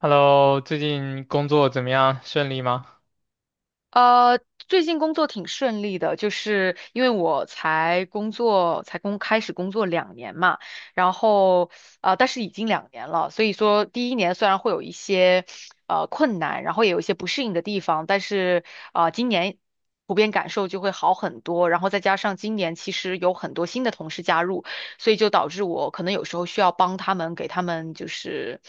Hello，最近工作怎么样？顺利吗？呃，最近工作挺顺利的，就是因为我才工作，才开始工作两年嘛，然后但是已经两年了，所以说第一年虽然会有一些困难，然后也有一些不适应的地方，但是今年普遍感受就会好很多，然后再加上今年其实有很多新的同事加入。所以就导致我可能有时候需要帮他们，给他们就是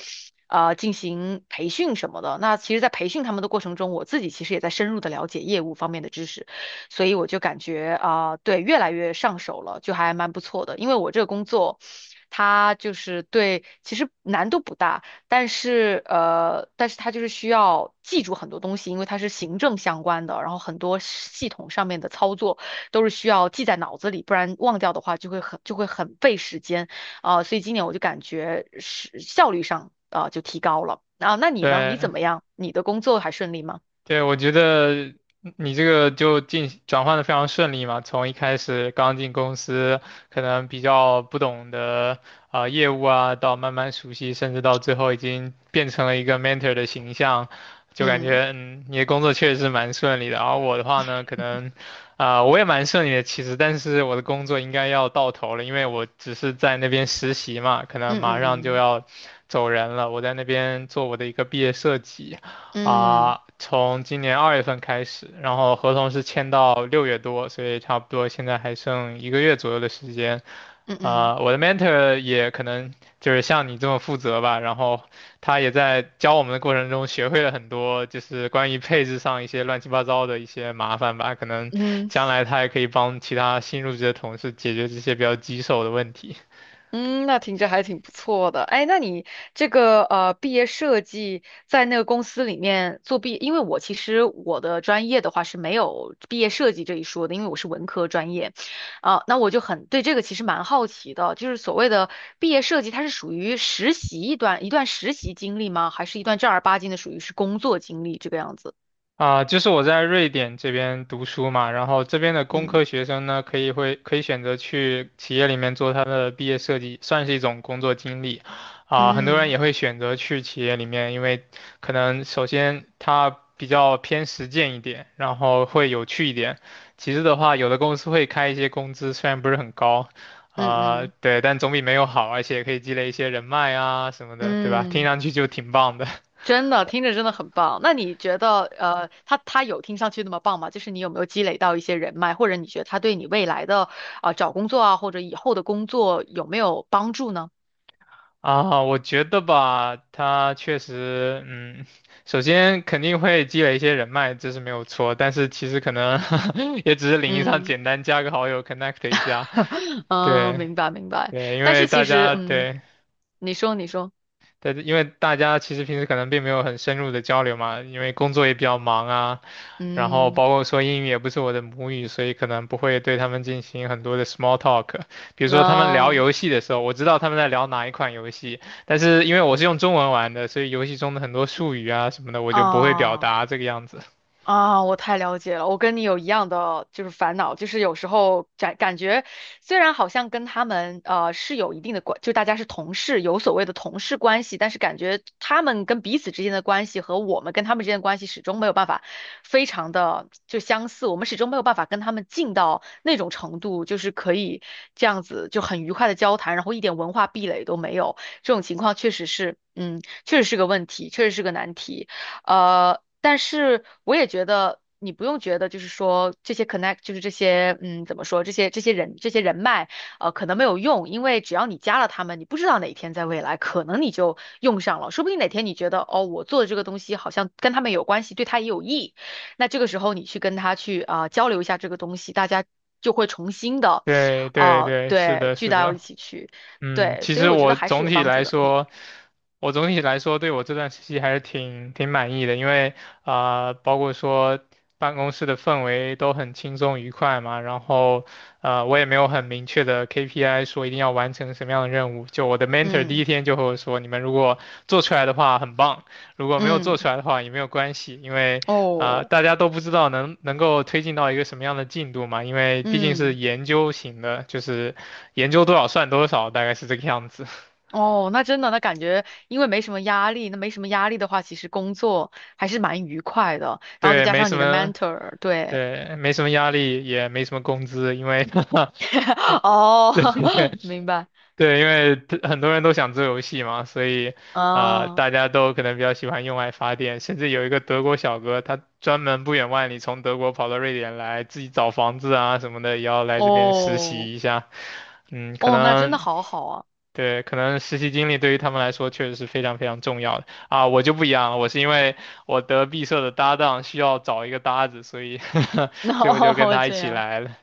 进行培训什么的。那其实，在培训他们的过程中，我自己其实也在深入的了解业务方面的知识，所以我就感觉啊、对，越来越上手了，就还蛮不错的。因为我这个工作，它就是对，其实难度不大，但是但是它就是需要记住很多东西，因为它是行政相关的，然后很多系统上面的操作，都是需要记在脑子里，不然忘掉的话就会很费时间啊、所以今年我就感觉是效率上啊、就提高了啊。那你呢？你对，怎么样？你的工作还顺利吗？对，我觉得你这个就进转换的非常顺利嘛，从一开始刚进公司，可能比较不懂的业务啊，到慢慢熟悉，甚至到最后已经变成了一个 mentor 的形象，就感嗯觉嗯，你的工作确实是蛮顺利的。而我的话呢，可能我也蛮顺利的其实，但是我的工作应该要到头了，因为我只是在那边实习嘛，可能嗯马上就嗯要走人了，我在那边做我的一个毕业设计。嗯嗯啊，从今年二月份开始，然后合同是签到六月多，所以差不多现在还剩一个月左右的时间。嗯嗯我的 mentor 也可能就是像你这么负责吧，然后他也在教我们的过程中学会了很多，就是关于配置上一些乱七八糟的一些麻烦吧，可能嗯。将来他也可以帮其他新入职的同事解决这些比较棘手的问题。嗯，那听着还挺不错的。哎，那你这个毕业设计在那个公司里面因为我其实我的专业的话是没有毕业设计这一说的，因为我是文科专业，啊、那我就很对这个其实蛮好奇的，就是所谓的毕业设计，它是属于实习一段实习经历吗？还是一段正儿八经的属于是工作经历这个样子？啊，就是我在瑞典这边读书嘛，然后这边的工嗯科学生呢，可以选择去企业里面做他的毕业设计，算是一种工作经历。啊，很多人嗯也会选择去企业里面，因为可能首先它比较偏实践一点，然后会有趣一点。其次的话，有的公司会开一些工资，虽然不是很高，嗯啊，嗯对，但总比没有好，而且可以积累一些人脉啊什么的，对吧？听嗯。上去就挺棒的。真的听着真的很棒。那你觉得，呃，他有听上去那么棒吗？就是你有没有积累到一些人脉，或者你觉得他对你未来的啊、找工作啊，或者以后的工作有没有帮助呢？啊，我觉得吧，他确实，嗯，首先肯定会积累一些人脉，这是没有错。但是其实可能 也只是领域上嗯 简单加个好友，connect 一下。对明白明白。对，因但为是其大实，家嗯，对，你说你说，但是因为大家其实平时可能并没有很深入的交流嘛，因为工作也比较忙啊，然后嗯，包括说英语也不是我的母语，所以可能不会对他们进行很多的 small talk。比如说他们聊那、游戏的时候，我知道他们在聊哪一款游戏，但是因为我是用中文玩的，所以游戏中的很多术语啊什么的，我就不会表啊。达这个样子。啊，我太了解了，我跟你有一样的就是烦恼，就是有时候感觉虽然好像跟他们是有一定的关，就大家是同事，有所谓的同事关系，但是感觉他们跟彼此之间的关系和我们跟他们之间的关系始终没有办法非常的就相似，我们始终没有办法跟他们近到那种程度，就是可以这样子就很愉快的交谈，然后一点文化壁垒都没有，这种情况确实是，嗯，确实是个问题，确实是个难题。但是我也觉得你不用觉得，就是说这些 connect，就是这些，嗯，怎么说，这些人脉，可能没有用，因为只要你加了他们，你不知道哪一天在未来可能你就用上了，说不定哪天你觉得，哦，我做的这个东西好像跟他们有关系，对他也有益，那这个时候你去跟他去啊、交流一下这个东西，大家就会重新的，对对啊、对，是对，的，聚是到的。一起去，嗯，对，其所以实我觉得我还是总有体帮助来的，说，我总体来说对我这段实习还是挺挺满意的，因为包括说办公室的氛围都很轻松愉快嘛，然后我也没有很明确的 KPI 说一定要完成什么样的任务，就我的 mentor 第嗯一天就和我说，你们如果做出来的话很棒，如果没有嗯做出嗯来的话也没有关系，因为哦，大家都不知道能够推进到一个什么样的进度嘛，因为毕竟是嗯。研究型的，就是研究多少算多少，大概是这个样子。哦，那真的，那感觉因为没什么压力，那没什么压力的话，其实工作还是蛮愉快的。然后再对，加没上什你的 么，mentor，对，对，没什么压力，也没什么工资，因为 哦，对对 明白，对，因为很多人都想做游戏嘛，所以啊，大家都可能比较喜欢用爱发电，甚至有一个德国小哥，他专门不远万里从德国跑到瑞典来，自己找房子啊什么的，也要来这边实哦，习一下。嗯，可哦，那真的能好好啊，对，可能实习经历对于他们来说确实是非常非常重要的啊！我就不一样了，我是因为我得毕设的搭档需要找一个搭子，所以 所以我就跟哦，他一这起样。来了。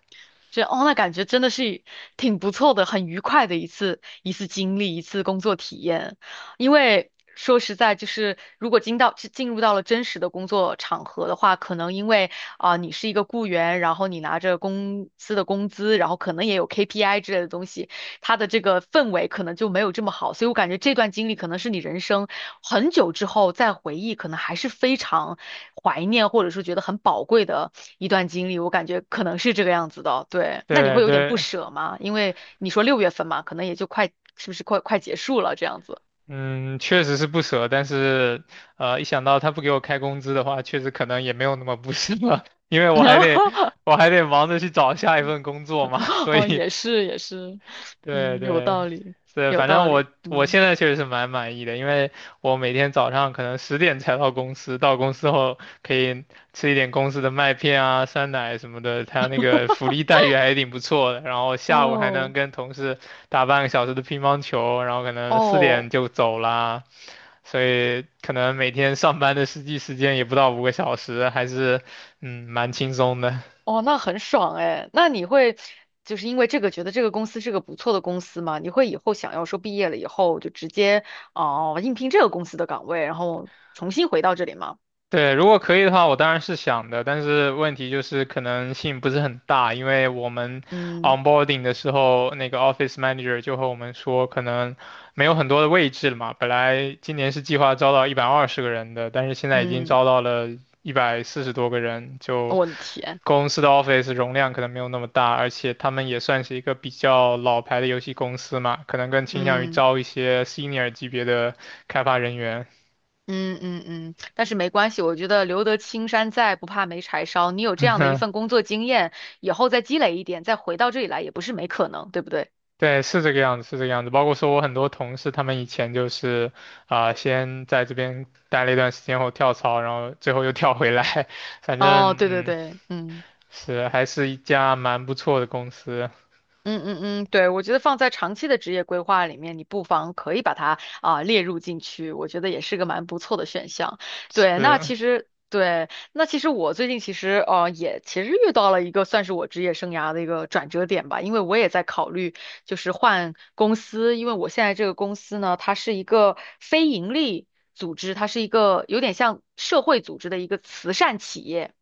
觉得哦，那感觉真的是挺不错的，很愉快的一次经历，一次工作体验。因为说实在，就是如果进入到了真实的工作场合的话，可能因为啊、你是一个雇员，然后你拿着公司的工资，然后可能也有 KPI 之类的东西，他的这个氛围可能就没有这么好，所以我感觉这段经历可能是你人生很久之后再回忆，可能还是非常怀念或者说觉得很宝贵的一段经历。我感觉可能是这个样子的，对。那你对会有点不对，舍吗？因为你说6月份嘛，可能也就快，是不是快结束了这样子？嗯，确实是不舍，但是一想到他不给我开工资的话，确实可能也没有那么不舍了，因为我还得 我还得忙着去找下一份工作嘛，所哦，以也是也是，对嗯，有对道理，对，有反道正我理，我嗯，现在确实是蛮满意的，因为我每天早上可能十点才到公司，到公司后可以吃一点公司的麦片啊、酸奶什么的，他那个福利待遇还挺不错的。然后下午还能哦跟同事打半个小时的乒乓球，然后可能四哦。点就走啦，所以可能每天上班的实际时间也不到五个小时，还是嗯蛮轻松的。哦，那很爽哎。那你会就是因为这个觉得这个公司是个不错的公司吗？你会以后想要说毕业了以后就直接哦、应聘这个公司的岗位，然后重新回到这里吗？对，如果可以的话，我当然是想的，但是问题就是可能性不是很大，因为我们 嗯 onboarding 的时候，那个 office manager 就和我们说，可能没有很多的位置了嘛。本来今年是计划招到120个人的，但是现在已经嗯，招到了140多个人，就我的天，公司的 office 容量可能没有那么大，而且他们也算是一个比较老牌的游戏公司嘛，可能更倾向于嗯招一些 senior 级别的开发人员。嗯嗯嗯。但是没关系，我觉得留得青山在，不怕没柴烧。你有这样的一份工作经验，以后再积累一点，再回到这里来也不是没可能，对不对？对，是这个样子，是这个样子。包括说我很多同事，他们以前就是先在这边待了一段时间后跳槽，然后最后又跳回来。反哦，正对对嗯，对，嗯。是还是一家蛮不错的公司。嗯嗯嗯，对，我觉得放在长期的职业规划里面，你不妨可以把它啊、列入进去，我觉得也是个蛮不错的选项。对，那是，其实对，那其实我最近其实也其实遇到了一个算是我职业生涯的一个转折点吧，因为我也在考虑就是换公司，因为我现在这个公司呢，它是一个非盈利组织，它是一个有点像社会组织的一个慈善企业。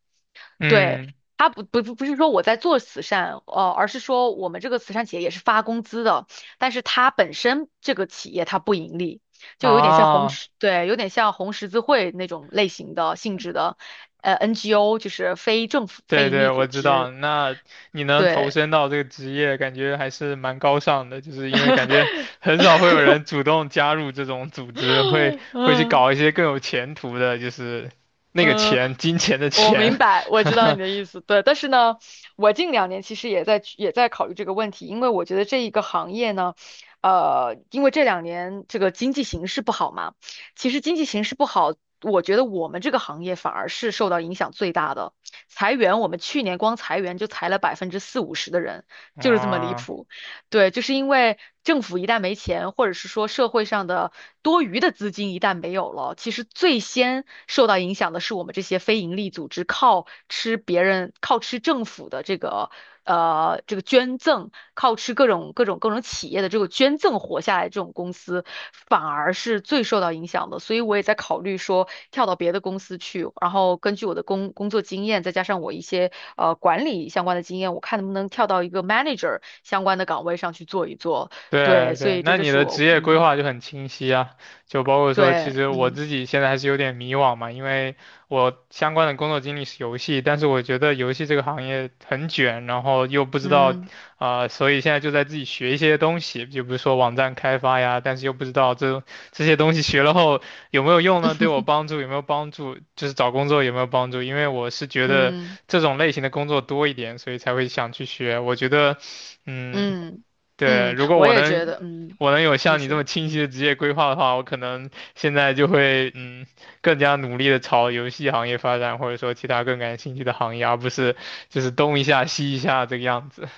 对，嗯，他不是说我在做慈善，呃，而是说我们这个慈善企业也是发工资的，但是它本身这个企业它不盈利，就有点像红啊，十，对，有点像红十字会那种类型的性质的，呃，NGO 就是非政府非对盈利对，我组知道。织，那你能投对。身到这个职业，感觉还是蛮高尚的，就是因为感觉 很少会有人主动加入这种组织，会去嗯搞一些更有前途的，就是那个嗯，钱，金钱的我钱。明白，我知道你 的意思，对。但是呢，我近2年其实也在考虑这个问题，因为我觉得这一个行业呢，呃，因为这2年这个经济形势不好嘛，其实经济形势不好，我觉得我们这个行业反而是受到影响最大的。裁员，我们去年光裁员就裁了40%-50%的人，就是这么离啊谱。对，就是因为政府一旦没钱，或者是说社会上的多余的资金一旦没有了，其实最先受到影响的是我们这些非营利组织，靠吃别人，靠吃政府的这个这个捐赠，靠吃各种企业的这个捐赠活下来这种公司，反而是最受到影响的，所以我也在考虑说跳到别的公司去，然后根据我的工作经验，再加上我一些管理相关的经验，我看能不能跳到一个 manager 相关的岗位上去做一做。对对，所对，以这那就你是的职我，业规嗯，划就很清晰啊，就包括说，对，其实我嗯自己现在还是有点迷惘嘛，因为我相关的工作经历是游戏，但是我觉得游戏这个行业很卷，然后又不知道，嗯所以现在就在自己学一些东西，就比如说网站开发呀，但是又不知道这些东西学了后有没有用呢？对我帮助有没有帮助？就是找工作有没有帮助？因为我是觉得嗯这种类型的工作多一点，所以才会想去学。我觉得，嗯。嗯对，嗯，如果我我也觉能，得，嗯，我能有你像你这说。么清晰的职业规划的话，我可能现在就会嗯更加努力的朝游戏行业发展，或者说其他更感兴趣的行业，而不是就是东一下西一下这个样子。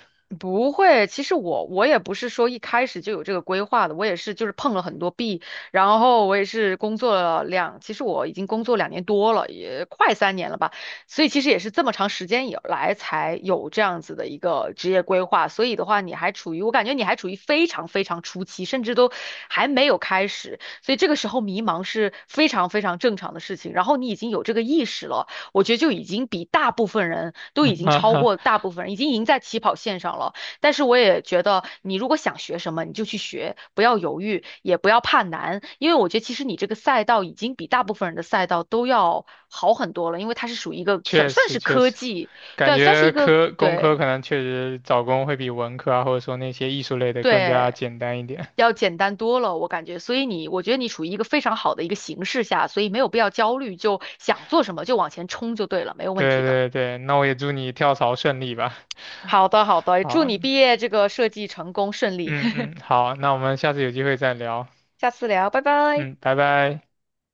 不会，其实我也不是说一开始就有这个规划的，我也是就是碰了很多壁，然后我也是工作了两，其实我已经工作2年多了，也快3年了吧，所以其实也是这么长时间以来才有这样子的一个职业规划，所以的话你还处于，我感觉你还处于非常非常初期，甚至都还没有开始，所以这个时候迷茫是非常非常正常的事情，然后你已经有这个意识了。我觉得就已经比大部分人都已 经哈超哈，过大部分人，已经赢在起跑线上了。但是我也觉得，你如果想学什么，你就去学，不要犹豫，也不要怕难，因为我觉得其实你这个赛道已经比大部分人的赛道都要好很多了，因为它是属于一个算确算实是确科实，技，感对，算是觉一个科工对科可能确实找工会比文科啊，或者说那些艺术类的更加对。简单一点。要简单多了，我感觉，所以你，我觉得你处于一个非常好的一个形势下，所以没有必要焦虑，就想做什么就往前冲就对了，没有问对题的。对对，那我也祝你跳槽顺利吧。好的，好的，祝好，你毕业这个设计成功顺利，嗯 嗯，好，那我们下次有机会再聊。下次聊，拜拜。嗯，拜拜。